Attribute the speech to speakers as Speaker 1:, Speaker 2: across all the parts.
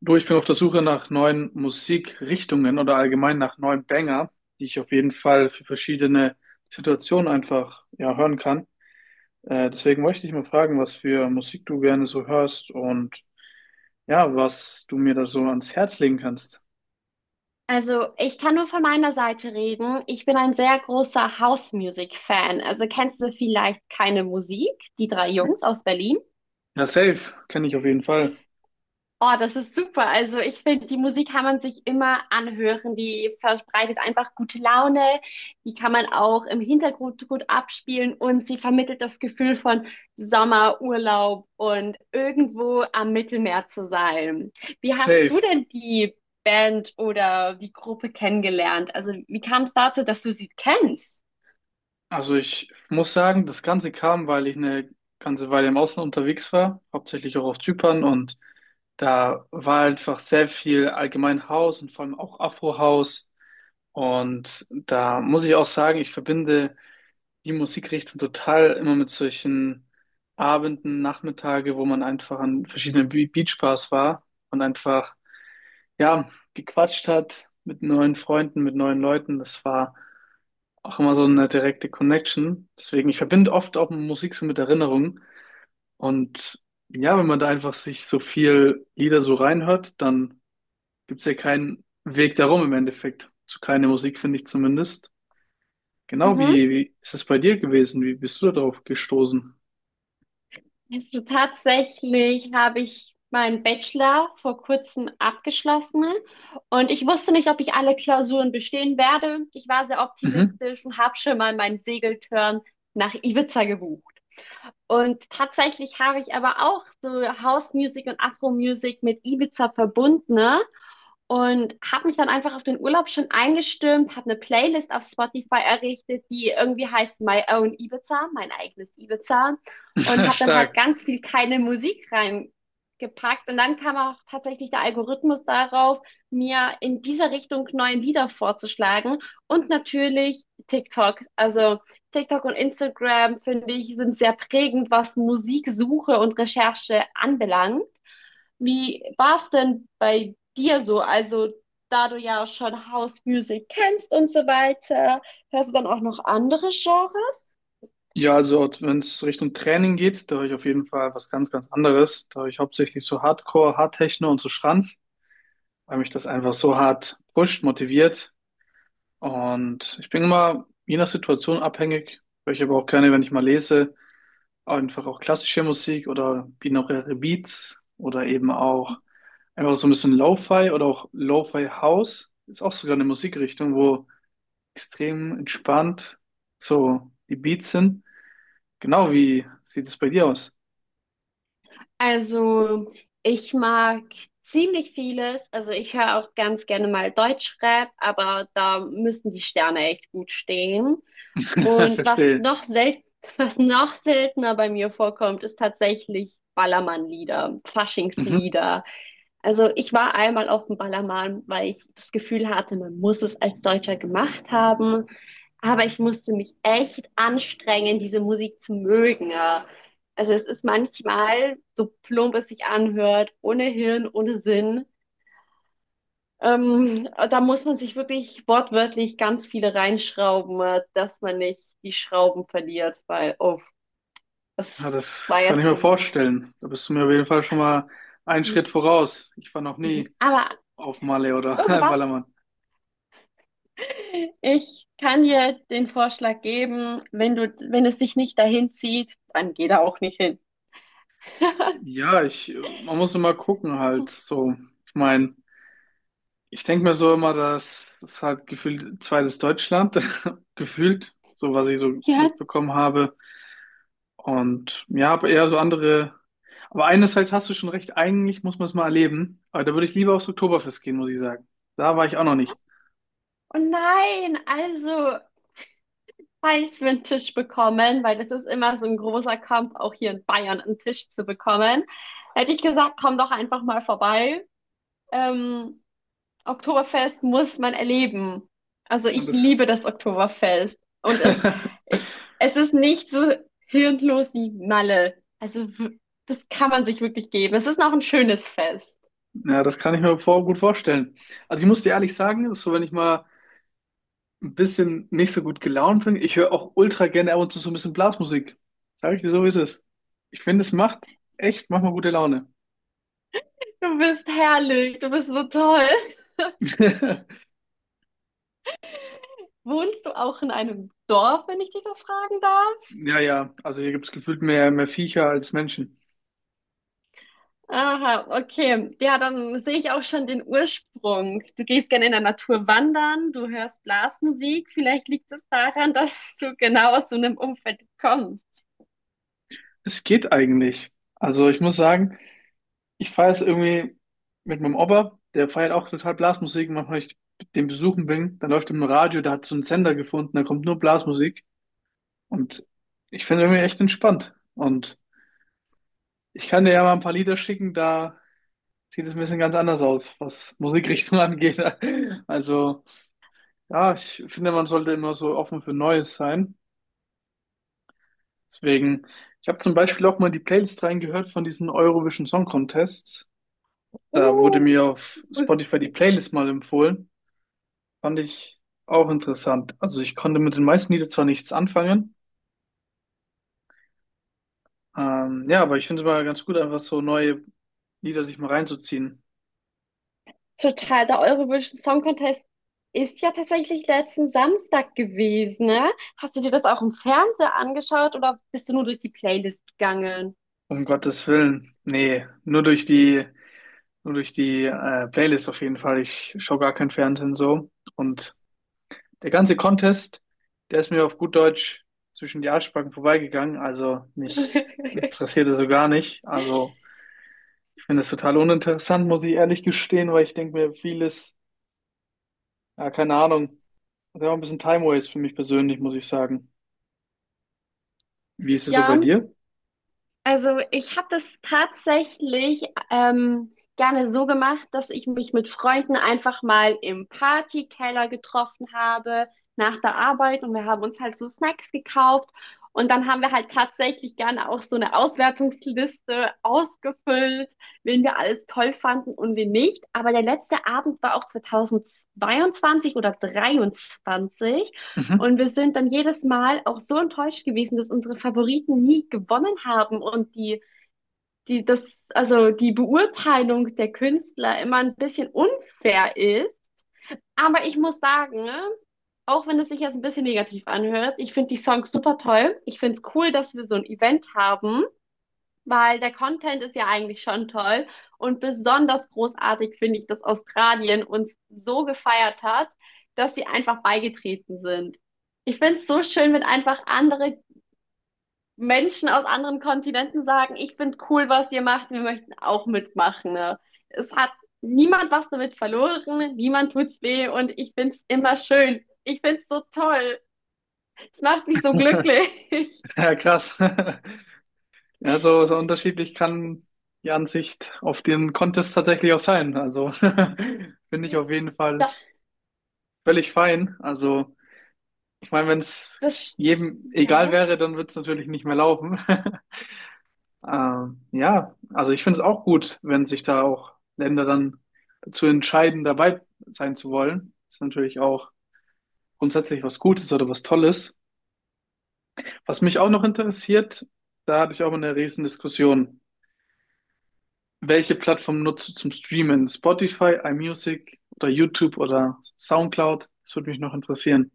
Speaker 1: Du, ich bin auf der Suche nach neuen Musikrichtungen oder allgemein nach neuen Banger, die ich auf jeden Fall für verschiedene Situationen einfach ja, hören kann. Deswegen wollte ich dich mal fragen, was für Musik du gerne so hörst und ja, was du mir da so ans Herz legen kannst.
Speaker 2: Also, ich kann nur von meiner Seite reden. Ich bin ein sehr großer House Music Fan. Also, kennst du vielleicht keine Musik, die drei Jungs aus Berlin?
Speaker 1: Ja, safe, kenne ich auf jeden Fall.
Speaker 2: Oh, das ist super. Also ich finde, die Musik kann man sich immer anhören. Die verbreitet einfach gute Laune. Die kann man auch im Hintergrund gut abspielen und sie vermittelt das Gefühl von Sommer, Urlaub und irgendwo am Mittelmeer zu sein. Wie hast du
Speaker 1: Safe.
Speaker 2: denn die Band oder die Gruppe kennengelernt? Also wie kam es dazu, dass du sie kennst?
Speaker 1: Also ich muss sagen, das Ganze kam, weil ich eine ganze Weile im Ausland unterwegs war, hauptsächlich auch auf Zypern und da war einfach sehr viel allgemein House und vor allem auch Afro House, und da muss ich auch sagen, ich verbinde die Musikrichtung total immer mit solchen Abenden, Nachmittage, wo man einfach an verschiedenen Beachbars war und einfach ja gequatscht hat mit neuen Freunden, mit neuen Leuten. Das war auch immer so eine direkte Connection. Deswegen, ich verbinde oft auch Musik so mit Erinnerungen. Und ja, wenn man da einfach sich so viel Lieder so reinhört, dann gibt's ja keinen Weg darum im Endeffekt. Zu keine Musik, finde ich zumindest. Genau, wie,
Speaker 2: Mhm.
Speaker 1: wie ist es bei dir gewesen? Wie bist du darauf gestoßen?
Speaker 2: Also tatsächlich habe ich meinen Bachelor vor kurzem abgeschlossen und ich wusste nicht, ob ich alle Klausuren bestehen werde. Ich war sehr
Speaker 1: Mhm.
Speaker 2: optimistisch und habe schon mal meinen Segeltörn nach Ibiza gebucht. Und tatsächlich habe ich aber auch so House Music und Afro Music mit Ibiza verbunden, ne? Und habe mich dann einfach auf den Urlaub schon eingestimmt, habe eine Playlist auf Spotify errichtet, die irgendwie heißt My Own Ibiza, mein eigenes Ibiza. Und habe dann halt
Speaker 1: Stark.
Speaker 2: ganz viel keine Musik reingepackt. Und dann kam auch tatsächlich der Algorithmus darauf, mir in dieser Richtung neue Lieder vorzuschlagen. Und natürlich TikTok. Also TikTok und Instagram, finde ich, sind sehr prägend, was Musiksuche und Recherche anbelangt. Wie war es denn bei dir so? Also, da du ja schon House Music kennst und so weiter, hörst du dann auch noch andere Genres?
Speaker 1: Ja, also wenn es Richtung Training geht, da höre ich auf jeden Fall was ganz, ganz anderes. Da höre ich hauptsächlich so Hardcore, Hardtechno und so Schranz, weil mich das einfach so hart pusht, motiviert. Und ich bin immer je nach Situation abhängig, weil ich aber auch gerne, wenn ich mal lese, einfach auch klassische Musik oder binaural Beats oder eben auch einfach so ein bisschen Lo-Fi oder auch Lo-Fi House. Ist auch sogar eine Musikrichtung, wo extrem entspannt so die Beats sind. Genau, wie sieht es bei dir aus?
Speaker 2: Also, ich mag ziemlich vieles. Also, ich höre auch ganz gerne mal Deutschrap, aber da müssen die Sterne echt gut stehen. Und was
Speaker 1: Verstehe.
Speaker 2: noch selten, was noch seltener bei mir vorkommt, ist tatsächlich Ballermann-Lieder,
Speaker 1: Mhm.
Speaker 2: Faschingslieder. Also ich war einmal auf dem Ballermann, weil ich das Gefühl hatte, man muss es als Deutscher gemacht haben. Aber ich musste mich echt anstrengen, diese Musik zu mögen, ja. Also es ist manchmal, so plump es sich anhört, ohne Hirn, ohne Sinn. Da muss man sich wirklich wortwörtlich ganz viele reinschrauben, dass man nicht die Schrauben verliert, weil, oh, das
Speaker 1: Ja, das
Speaker 2: war
Speaker 1: kann ich
Speaker 2: jetzt.
Speaker 1: mir vorstellen. Da bist du mir auf jeden Fall schon mal einen Schritt voraus. Ich war noch nie
Speaker 2: Aber,
Speaker 1: auf Malle oder
Speaker 2: oh, du warst.
Speaker 1: Ballermann.
Speaker 2: Ich kann dir den Vorschlag geben, wenn du, wenn es dich nicht dahin zieht, dann geh da auch nicht hin.
Speaker 1: Ja, ich, man muss immer gucken halt so. Ich meine, ich denke mir so immer, dass das halt gefühlt zweites Deutschland, gefühlt, so was ich so
Speaker 2: Ja,
Speaker 1: mitbekommen habe. Und ja, aber eher so andere. Aber einerseits hast du schon recht, eigentlich muss man es mal erleben. Aber da würde ich lieber aufs Oktoberfest gehen, muss ich sagen. Da war ich auch noch nicht.
Speaker 2: oh nein, also, falls wir einen Tisch bekommen, weil das ist immer so ein großer Kampf, auch hier in Bayern einen Tisch zu bekommen, hätte ich gesagt, komm doch einfach mal vorbei. Ähm, Oktoberfest muss man erleben. Also
Speaker 1: Und
Speaker 2: ich
Speaker 1: das,
Speaker 2: liebe das Oktoberfest. Und es, es ist nicht so hirnlos wie Malle. Also das kann man sich wirklich geben. Es ist noch ein schönes Fest.
Speaker 1: ja, das kann ich mir gut vorstellen. Also ich muss dir ehrlich sagen, das ist so, wenn ich mal ein bisschen nicht so gut gelaunt bin. Ich höre auch ultra gerne ab und zu so ein bisschen Blasmusik. Sag ich dir, so ist es. Ich finde, es macht echt manchmal gute Laune.
Speaker 2: Du bist herrlich, du bist so toll. Wohnst du auch in einem Dorf, wenn ich dich das fragen darf?
Speaker 1: Ja, ja, also hier gibt es gefühlt mehr Viecher als Menschen.
Speaker 2: Aha, okay. Ja, dann sehe ich auch schon den Ursprung. Du gehst gerne in der Natur wandern, du hörst Blasmusik. Vielleicht liegt es daran, dass du genau aus so einem Umfeld kommst.
Speaker 1: Es geht eigentlich. Also ich muss sagen, ich feiere es irgendwie mit meinem Opa, der feiert auch total Blasmusik. Und manchmal, wenn ich den besuchen bin, dann läuft im Radio, der hat so einen Sender gefunden, da kommt nur Blasmusik. Und ich finde irgendwie echt entspannt. Und ich kann dir ja mal ein paar Lieder schicken, da sieht es ein bisschen ganz anders aus, was Musikrichtung angeht. Also, ja, ich finde, man sollte immer so offen für Neues sein. Deswegen, ich habe zum Beispiel auch mal in die Playlist reingehört von diesen Eurovision Song Contest. Da wurde
Speaker 2: Uh,
Speaker 1: mir auf Spotify die Playlist mal empfohlen. Fand ich auch interessant. Also ich konnte mit den meisten Liedern zwar nichts anfangen, ja, aber ich finde es mal ganz gut, einfach so neue Lieder sich mal reinzuziehen.
Speaker 2: Total, der Eurovision Song Contest ist ja tatsächlich letzten Samstag gewesen, ne? Hast du dir das auch im Fernseher angeschaut oder bist du nur durch die Playlist gegangen?
Speaker 1: Um Gottes Willen. Nee, nur durch die Playlist auf jeden Fall. Ich schaue gar kein Fernsehen so. Und der ganze Contest, der ist mir auf gut Deutsch zwischen die Arschbacken vorbeigegangen. Also mich interessiert das so gar nicht. Also ich finde es total uninteressant, muss ich ehrlich gestehen, weil ich denke mir vieles, ja, keine Ahnung, das war ein bisschen Time Waste für mich persönlich, muss ich sagen. Wie ist es so bei
Speaker 2: Ja.
Speaker 1: dir?
Speaker 2: Also ich habe das tatsächlich gerne so gemacht, dass ich mich mit Freunden einfach mal im Partykeller getroffen habe nach der Arbeit und wir haben uns halt so Snacks gekauft und dann haben wir halt tatsächlich gerne auch so eine Auswertungsliste ausgefüllt, wen wir alles toll fanden und wen nicht. Aber der letzte Abend war auch 2022 oder 23,
Speaker 1: Mhm.
Speaker 2: und wir sind dann jedes Mal auch so enttäuscht gewesen, dass unsere Favoriten nie gewonnen haben und die, das, also die Beurteilung der Künstler immer ein bisschen unfair ist. Aber ich muss sagen, ne, auch wenn es sich jetzt ein bisschen negativ anhört, ich finde die Songs super toll. Ich finde es cool, dass wir so ein Event haben, weil der Content ist ja eigentlich schon toll, und besonders großartig finde ich, dass Australien uns so gefeiert hat, dass sie einfach beigetreten sind. Ich finde es so schön, wenn einfach andere Menschen aus anderen Kontinenten sagen, ich finde cool, was ihr macht, wir möchten auch mitmachen. Ne? Es hat niemand was damit verloren, niemand tut's weh und ich find's immer schön. Ich find's so toll. Es macht mich so glücklich.
Speaker 1: Ja, krass. Ja, so unterschiedlich kann die Ansicht auf den Contest tatsächlich auch sein. Also finde ich auf jeden Fall
Speaker 2: Das,
Speaker 1: völlig fein. Also ich meine, wenn es
Speaker 2: das,
Speaker 1: jedem
Speaker 2: ja.
Speaker 1: egal wäre, dann wird es natürlich nicht mehr laufen. Ja, also ich finde es auch gut, wenn sich da auch Länder dann dazu entscheiden, dabei sein zu wollen. Ist natürlich auch grundsätzlich was Gutes oder was Tolles. Was mich auch noch interessiert, da hatte ich auch mal eine riesen Diskussion. Welche Plattform nutzt du zum Streamen? Spotify, iMusic oder YouTube oder SoundCloud? Das würde mich noch interessieren.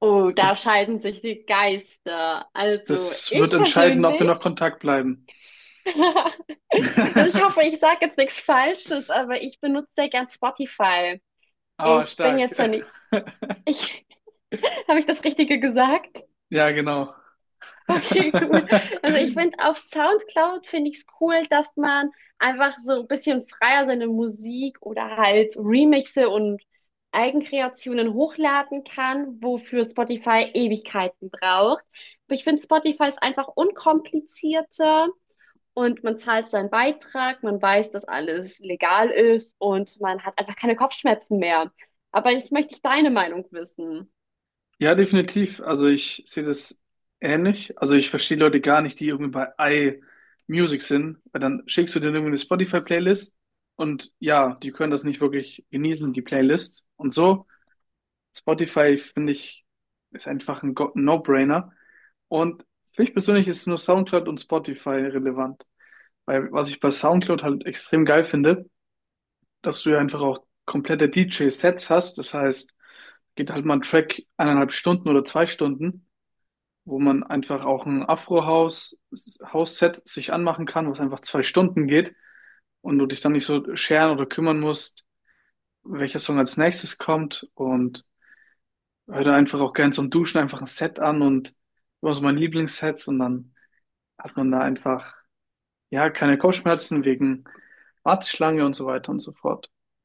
Speaker 2: Oh,
Speaker 1: Es
Speaker 2: da
Speaker 1: gibt,
Speaker 2: scheiden sich die Geister. Also
Speaker 1: das wird
Speaker 2: ich
Speaker 1: entscheiden, ob wir
Speaker 2: persönlich,
Speaker 1: noch Kontakt bleiben.
Speaker 2: also ich hoffe, ich sage jetzt nichts Falsches, aber ich benutze sehr gern Spotify.
Speaker 1: Aber
Speaker 2: Ich bin
Speaker 1: stark.
Speaker 2: jetzt ja nicht, ich, habe ich das Richtige gesagt?
Speaker 1: Ja, genau.
Speaker 2: Okay, gut. Also ich finde, auf SoundCloud finde ich es cool, dass man einfach so ein bisschen freier seine Musik oder halt Remixe und Eigenkreationen hochladen kann, wofür Spotify Ewigkeiten braucht. Aber ich finde, Spotify ist einfach unkomplizierter und man zahlt seinen Beitrag, man weiß, dass alles legal ist und man hat einfach keine Kopfschmerzen mehr. Aber jetzt möchte ich deine Meinung wissen.
Speaker 1: Ja, definitiv. Also ich sehe das ähnlich. Also ich verstehe Leute gar nicht, die irgendwie bei iMusic sind, weil dann schickst du denen irgendwie eine Spotify-Playlist, und ja, die können das nicht wirklich genießen, die Playlist und so. Spotify, finde ich, ist einfach ein No-Brainer. Und für mich persönlich ist nur SoundCloud und Spotify relevant. Weil was ich bei SoundCloud halt extrem geil finde, dass du ja einfach auch komplette DJ-Sets hast. Das heißt, geht halt mal ein Track 1,5 Stunden oder 2 Stunden, wo man einfach auch ein Afro-House-House-Set sich anmachen kann, was einfach 2 Stunden geht und du dich dann nicht so scheren oder kümmern musst, welcher Song als nächstes kommt. Und hör da einfach auch gern zum Duschen einfach ein Set an und was mein Lieblingssets und dann hat man da einfach, ja, keine Kopfschmerzen wegen Warteschlange und so weiter und so fort.